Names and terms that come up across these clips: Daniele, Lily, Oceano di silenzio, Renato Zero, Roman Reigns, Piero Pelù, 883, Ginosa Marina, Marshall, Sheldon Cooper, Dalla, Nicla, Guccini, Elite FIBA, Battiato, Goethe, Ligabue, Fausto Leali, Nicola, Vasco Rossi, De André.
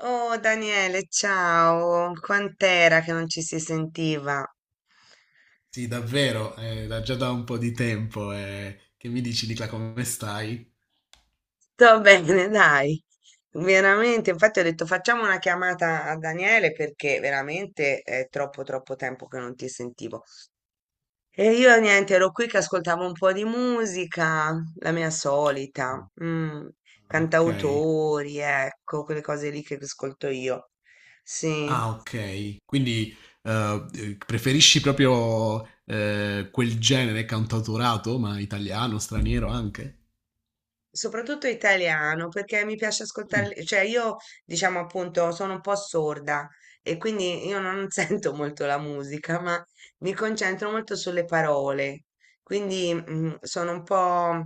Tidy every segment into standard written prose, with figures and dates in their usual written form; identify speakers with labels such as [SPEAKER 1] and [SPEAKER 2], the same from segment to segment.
[SPEAKER 1] Oh Daniele, ciao, quant'era che non ci si sentiva?
[SPEAKER 2] Sì, davvero, da già da un po' di tempo. Che mi dici, Nicla, come stai?
[SPEAKER 1] Sto bene, dai, veramente, infatti ho detto facciamo una chiamata a Daniele perché veramente è troppo tempo che non ti sentivo. E io niente, ero qui che ascoltavo un po' di musica, la mia solita,
[SPEAKER 2] Ah, ok.
[SPEAKER 1] cantautori, ecco, quelle cose lì che ascolto io. Sì.
[SPEAKER 2] Ah, ok. Quindi preferisci proprio quel genere cantautorato, ma italiano, straniero anche?
[SPEAKER 1] Soprattutto italiano, perché mi piace
[SPEAKER 2] Mm,
[SPEAKER 1] ascoltare, cioè io diciamo appunto sono un po' sorda e quindi io non sento molto la musica, ma mi concentro molto sulle parole, quindi sono un po'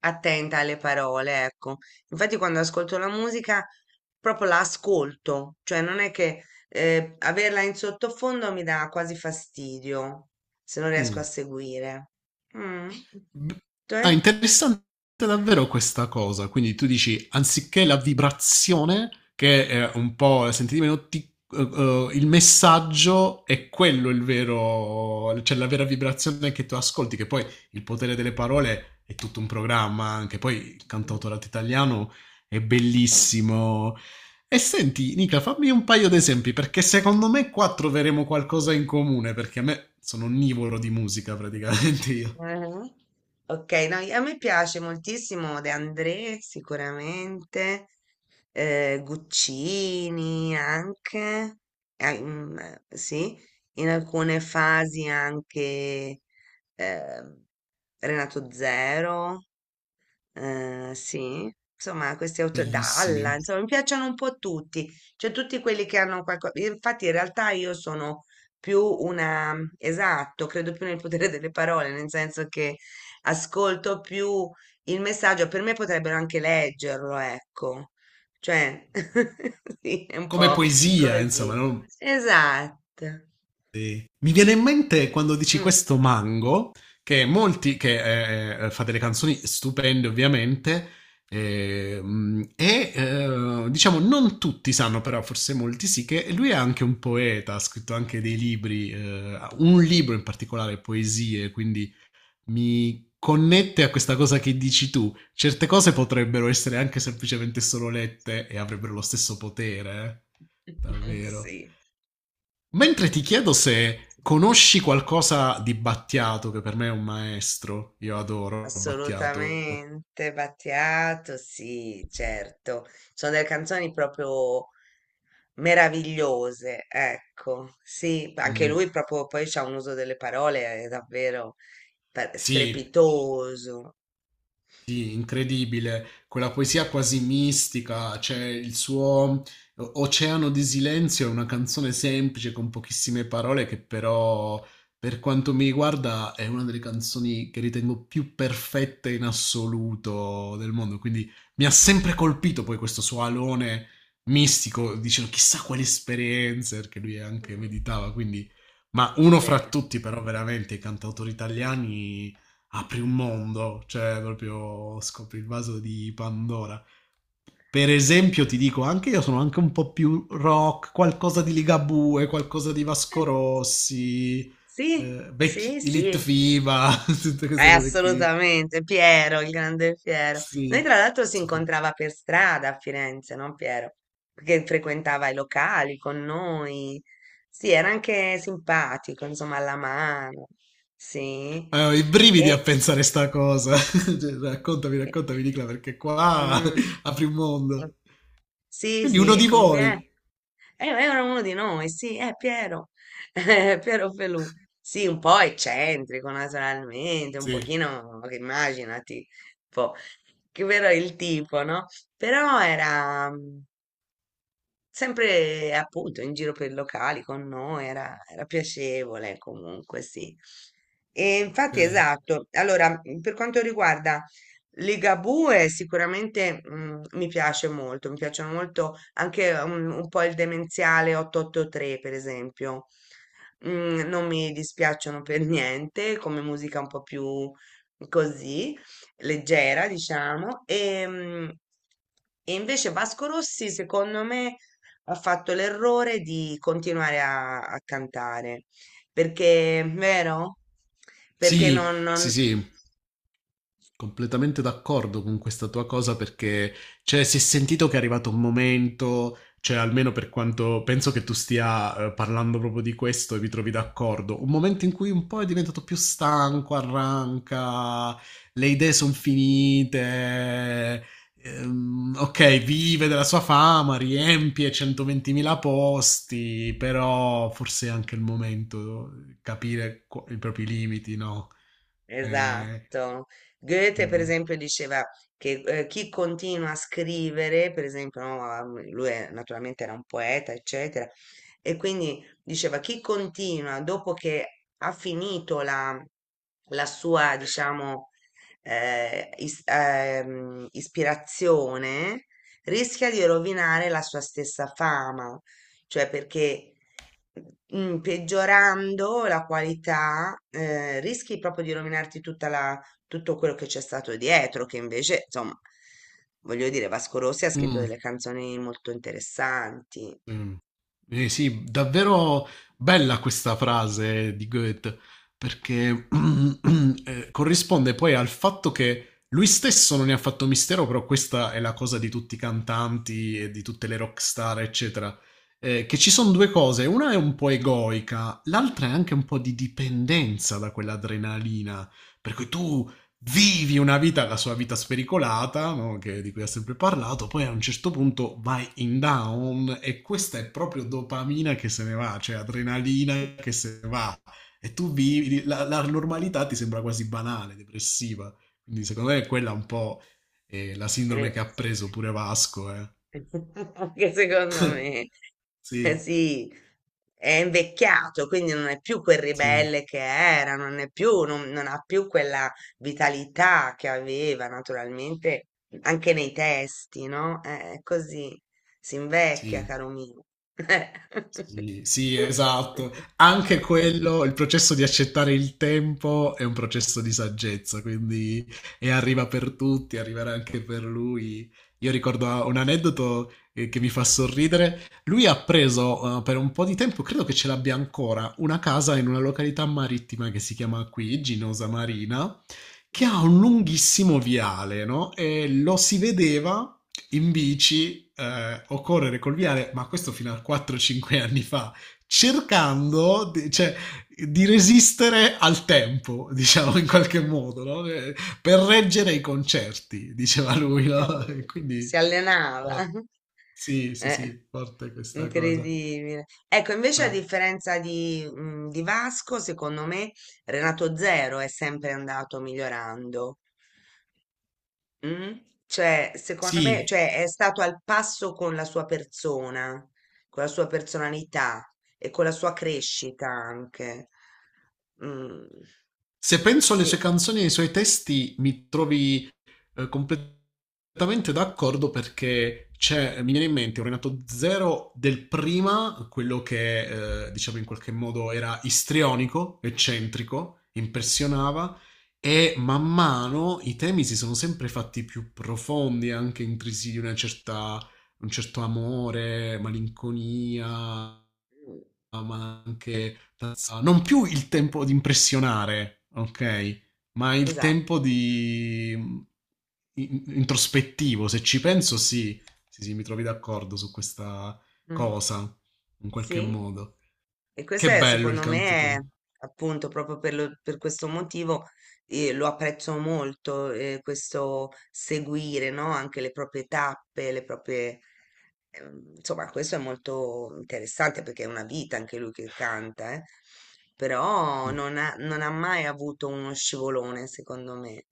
[SPEAKER 1] attenta alle parole, ecco. Infatti quando ascolto la musica proprio la ascolto, cioè non è che averla in sottofondo mi dà quasi fastidio se non riesco a
[SPEAKER 2] mm.
[SPEAKER 1] seguire. Mm.
[SPEAKER 2] B- Ah,
[SPEAKER 1] Te?
[SPEAKER 2] interessante davvero questa cosa. Quindi tu dici, anziché la vibrazione, che è un po' sentite meno, il messaggio è quello il vero, cioè la vera vibrazione che tu ascolti, che poi il potere delle parole è tutto un programma, anche poi il cantautorato italiano è bellissimo. E senti, Nica, fammi un paio di esempi, perché secondo me qua troveremo qualcosa in comune, perché a me sono onnivoro di musica praticamente io.
[SPEAKER 1] Ah-ah. Ok, no, a me piace moltissimo De André, sicuramente, Guccini anche, sì, in alcune fasi anche eh, Renato Zero, sì, insomma, questi autori, Dalla,
[SPEAKER 2] Bellissimi.
[SPEAKER 1] insomma, mi piacciono un po' tutti, cioè tutti quelli che hanno qualcosa. Infatti, in realtà io sono più una, mhmm, esatto, credo più nel potere delle parole, nel senso che ascolto più il messaggio, per me potrebbero anche leggerlo, ecco. Cioè, sì, è un
[SPEAKER 2] Come
[SPEAKER 1] po'
[SPEAKER 2] poesia, insomma,
[SPEAKER 1] così.
[SPEAKER 2] no?
[SPEAKER 1] Esatto.
[SPEAKER 2] Sì. Mi viene in mente quando dici
[SPEAKER 1] Mm.
[SPEAKER 2] questo mango, che molti, che fa delle canzoni stupende ovviamente, e diciamo non tutti sanno, però forse molti sì, che lui è anche un poeta, ha scritto anche dei libri, un libro in particolare, poesie, quindi mi connette a questa cosa che dici tu. Certe cose potrebbero essere anche semplicemente solo lette e avrebbero lo stesso potere. Davvero.
[SPEAKER 1] Sì.
[SPEAKER 2] Mentre ti chiedo se conosci qualcosa di Battiato, che per me è un maestro. Io adoro Battiato.
[SPEAKER 1] Assolutamente, Battiato, sì, certo. Sono delle canzoni proprio meravigliose, ecco, sì, anche
[SPEAKER 2] Mm,
[SPEAKER 1] lui proprio poi c'ha un uso delle parole davvero
[SPEAKER 2] sì,
[SPEAKER 1] strepitoso,
[SPEAKER 2] sì, incredibile, quella poesia quasi mistica, cioè il suo Oceano di silenzio è una canzone semplice con pochissime parole che però, per quanto mi riguarda, è una delle canzoni che ritengo più perfette in assoluto del mondo, quindi mi ha sempre colpito poi questo suo alone mistico, dicevo chissà quali esperienze, perché lui anche meditava, quindi... Ma uno fra
[SPEAKER 1] vero?
[SPEAKER 2] tutti però veramente i cantautori italiani apri un mondo, cioè proprio scopri il vaso di Pandora. Per esempio, ti dico, anche io sono anche un po' più rock, qualcosa di Ligabue, qualcosa di Vasco
[SPEAKER 1] Eh,
[SPEAKER 2] Rossi,
[SPEAKER 1] Sì, sì,
[SPEAKER 2] vecchi, Elite
[SPEAKER 1] sì.
[SPEAKER 2] FIBA, tutte queste cose qui.
[SPEAKER 1] Assolutamente, Piero, il grande Piero. Noi
[SPEAKER 2] Sì,
[SPEAKER 1] tra l'altro si
[SPEAKER 2] super.
[SPEAKER 1] incontrava per strada a Firenze, no Piero? Perché frequentava i locali con noi. Sì, era anche simpatico, insomma, alla mano. Sì.
[SPEAKER 2] Ho i brividi a
[SPEAKER 1] E...
[SPEAKER 2] pensare sta cosa. Cioè, raccontami, raccontami, Nicola, perché qua apri un
[SPEAKER 1] Mm.
[SPEAKER 2] mondo.
[SPEAKER 1] Sì,
[SPEAKER 2] Quindi
[SPEAKER 1] sì,
[SPEAKER 2] uno
[SPEAKER 1] è
[SPEAKER 2] di
[SPEAKER 1] con Pier.
[SPEAKER 2] voi.
[SPEAKER 1] Era uno di noi, sì, è Piero. Piero Pelù. Sì, un po' eccentrico naturalmente, un
[SPEAKER 2] Sì,
[SPEAKER 1] pochino, immaginati, un po', che però è il tipo, no? Però era, mhmm, sempre appunto in giro per i locali con noi, era, era piacevole comunque, sì. E infatti,
[SPEAKER 2] ok.
[SPEAKER 1] esatto. Allora, per quanto riguarda Ligabue, sicuramente mi piace molto, mi piacciono molto anche un po' il demenziale 883, per esempio. Mm, non mi dispiacciono per niente, come musica un po' più così, leggera, diciamo. E, e invece Vasco Rossi, secondo me ha fatto l'errore di continuare a cantare, perché, vero? Perché
[SPEAKER 2] Sì, sì, sì, completamente d'accordo con questa tua cosa perché, cioè, si è sentito che è arrivato un momento, cioè, almeno per quanto penso che tu stia parlando proprio di questo e vi trovi d'accordo, un momento in cui un po' è diventato più stanco, arranca, le idee sono finite, ok, vive della sua fama, riempie 120.000 posti, però forse è anche il momento di capire i propri limiti, no? Eh,
[SPEAKER 1] esatto. Goethe, per
[SPEAKER 2] mm.
[SPEAKER 1] esempio, diceva che chi continua a scrivere, per esempio, no, ah, lui naturalmente era un poeta, eccetera, e quindi diceva chi continua dopo che ha finito la sua, diciamo, ispirazione, rischia di rovinare la sua stessa fama cioè perché peggiorando la qualità rischi proprio di rovinarti tutto quello che c'è stato dietro, che invece, insomma, voglio dire, Vasco Rossi ha scritto
[SPEAKER 2] Mm.
[SPEAKER 1] delle canzoni molto interessanti.
[SPEAKER 2] Mh. Eh sì, davvero bella questa frase di Goethe, perché, corrisponde poi al fatto che lui stesso non ne ha fatto mistero, però questa è la cosa di tutti i cantanti e di tutte le rock star, eccetera, che ci son due cose, una è un po' egoica, l'altra è anche un po' di dipendenza da quell'adrenalina, per cui tu vivi una vita, la sua vita spericolata, no? Che- di cui ha sempre parlato, poi a un certo punto vai in down e questa è proprio dopamina che se ne va, cioè adrenalina che se ne va. E tu vivi, la, la normalità ti sembra quasi banale, depressiva. Quindi secondo me è quella un po' la sindrome
[SPEAKER 1] Eh,
[SPEAKER 2] che ha preso pure Vasco.
[SPEAKER 1] anche secondo me, eh
[SPEAKER 2] Sì,
[SPEAKER 1] sì, è invecchiato, quindi non è più quel
[SPEAKER 2] sì,
[SPEAKER 1] ribelle che era, non ha più quella vitalità che aveva naturalmente anche nei testi, no? È così, si invecchia,
[SPEAKER 2] sì.
[SPEAKER 1] caro mio. Eh.
[SPEAKER 2] Sì, sì, esatto. Anche quello, il processo di accettare il tempo è un processo di saggezza, quindi e arriva per tutti, arriverà anche per lui. Io ricordo un aneddoto che mi fa sorridere. Lui ha preso per un po' di tempo, credo che ce l'abbia ancora, una casa in una località marittima che si chiama qui Ginosa Marina, che ha un lunghissimo viale, no? E lo si vedeva in bici o correre col viale, ma questo fino a 4-5 anni fa, cercando cioè, di resistere al tempo, diciamo in qualche modo, no? Per reggere i concerti, diceva lui, no? E
[SPEAKER 1] Eh, si
[SPEAKER 2] quindi
[SPEAKER 1] allenava.
[SPEAKER 2] oh, sì, sì,
[SPEAKER 1] Eh.
[SPEAKER 2] sì, forte questa cosa.
[SPEAKER 1] Incredibile. Ecco, invece a
[SPEAKER 2] Ah,
[SPEAKER 1] differenza di, di Vasco, secondo me Renato Zero è sempre andato migliorando. Mm? Cioè, secondo me,
[SPEAKER 2] sì,
[SPEAKER 1] cioè, è stato al passo con la sua persona, con la sua personalità e con la sua crescita anche. Mm,
[SPEAKER 2] se penso alle sue
[SPEAKER 1] sì,
[SPEAKER 2] canzoni e ai suoi testi, mi trovi completamente d'accordo perché c'è, mi viene in mente un Renato Zero del prima, quello che diciamo in qualche modo era istrionico, eccentrico, impressionava e man mano i temi si sono sempre fatti più profondi, anche intrisi di una certa, un certo amore, malinconia,
[SPEAKER 1] mm,
[SPEAKER 2] ma anche non più il tempo di impressionare, ok? Ma il
[SPEAKER 1] esatto.
[SPEAKER 2] tempo di introspettivo, se ci penso, sì, sì, sì, mi trovi d'accordo su questa
[SPEAKER 1] Mm,
[SPEAKER 2] cosa, in qualche
[SPEAKER 1] sì.
[SPEAKER 2] modo.
[SPEAKER 1] E questo
[SPEAKER 2] Che
[SPEAKER 1] è,
[SPEAKER 2] bello il
[SPEAKER 1] secondo me,
[SPEAKER 2] canto
[SPEAKER 1] è,
[SPEAKER 2] tu.
[SPEAKER 1] appunto proprio per questo motivo lo apprezzo molto, questo seguire, no? Anche le proprie tappe, le proprie... insomma, questo è molto interessante perché è una vita anche lui che canta, eh. Però non ha mai avuto uno scivolone, secondo me.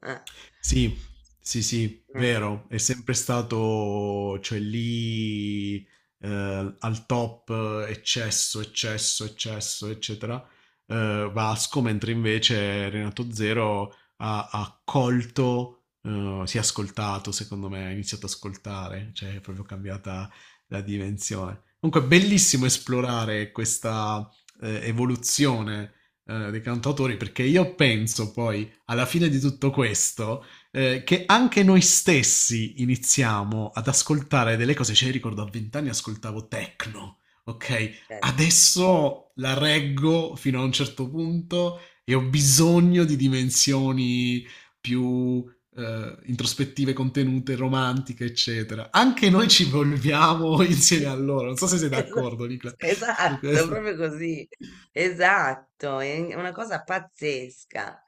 [SPEAKER 1] Eh,
[SPEAKER 2] Sì, sì, sì,
[SPEAKER 1] mm,
[SPEAKER 2] vero, è sempre stato, cioè lì al top, eccesso, eccesso, eccesso, eccetera, Vasco, mentre invece Renato Zero ha colto, si è ascoltato, secondo me, ha iniziato ad ascoltare, cioè è proprio cambiata la dimensione. Comunque, è bellissimo esplorare questa evoluzione dei cantautori, perché io penso poi, alla fine di tutto questo che anche noi stessi iniziamo ad ascoltare delle cose. Cioè, io ricordo a 20 anni ascoltavo techno, ok?
[SPEAKER 1] certo.
[SPEAKER 2] Adesso la reggo fino a un certo punto e ho bisogno di dimensioni più introspettive, contenute, romantiche, eccetera. Anche noi ci evolviamo insieme a loro. Non so se sei d'accordo,
[SPEAKER 1] Esatto,
[SPEAKER 2] Nicola, su
[SPEAKER 1] esatto,
[SPEAKER 2] questo.
[SPEAKER 1] proprio così. Esatto, è una cosa pazzesca.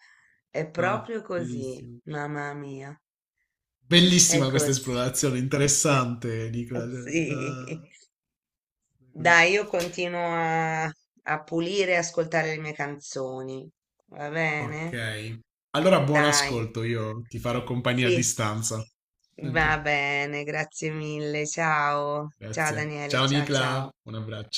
[SPEAKER 1] È
[SPEAKER 2] No,
[SPEAKER 1] proprio così,
[SPEAKER 2] bellissimo.
[SPEAKER 1] mamma mia. È
[SPEAKER 2] Bellissima questa
[SPEAKER 1] così.
[SPEAKER 2] esplorazione, interessante, Nicola. Cioè,
[SPEAKER 1] Sì.
[SPEAKER 2] così.
[SPEAKER 1] Dai, io continuo a pulire e ascoltare le mie canzoni. Va bene?
[SPEAKER 2] Ok. Allora, buon
[SPEAKER 1] Dai.
[SPEAKER 2] ascolto, io ti farò compagnia a
[SPEAKER 1] Sì,
[SPEAKER 2] distanza.
[SPEAKER 1] va
[SPEAKER 2] Ok,
[SPEAKER 1] bene, grazie mille. Ciao. Ciao
[SPEAKER 2] grazie.
[SPEAKER 1] Daniele,
[SPEAKER 2] Ciao
[SPEAKER 1] ciao
[SPEAKER 2] Nicola,
[SPEAKER 1] ciao.
[SPEAKER 2] un abbraccio.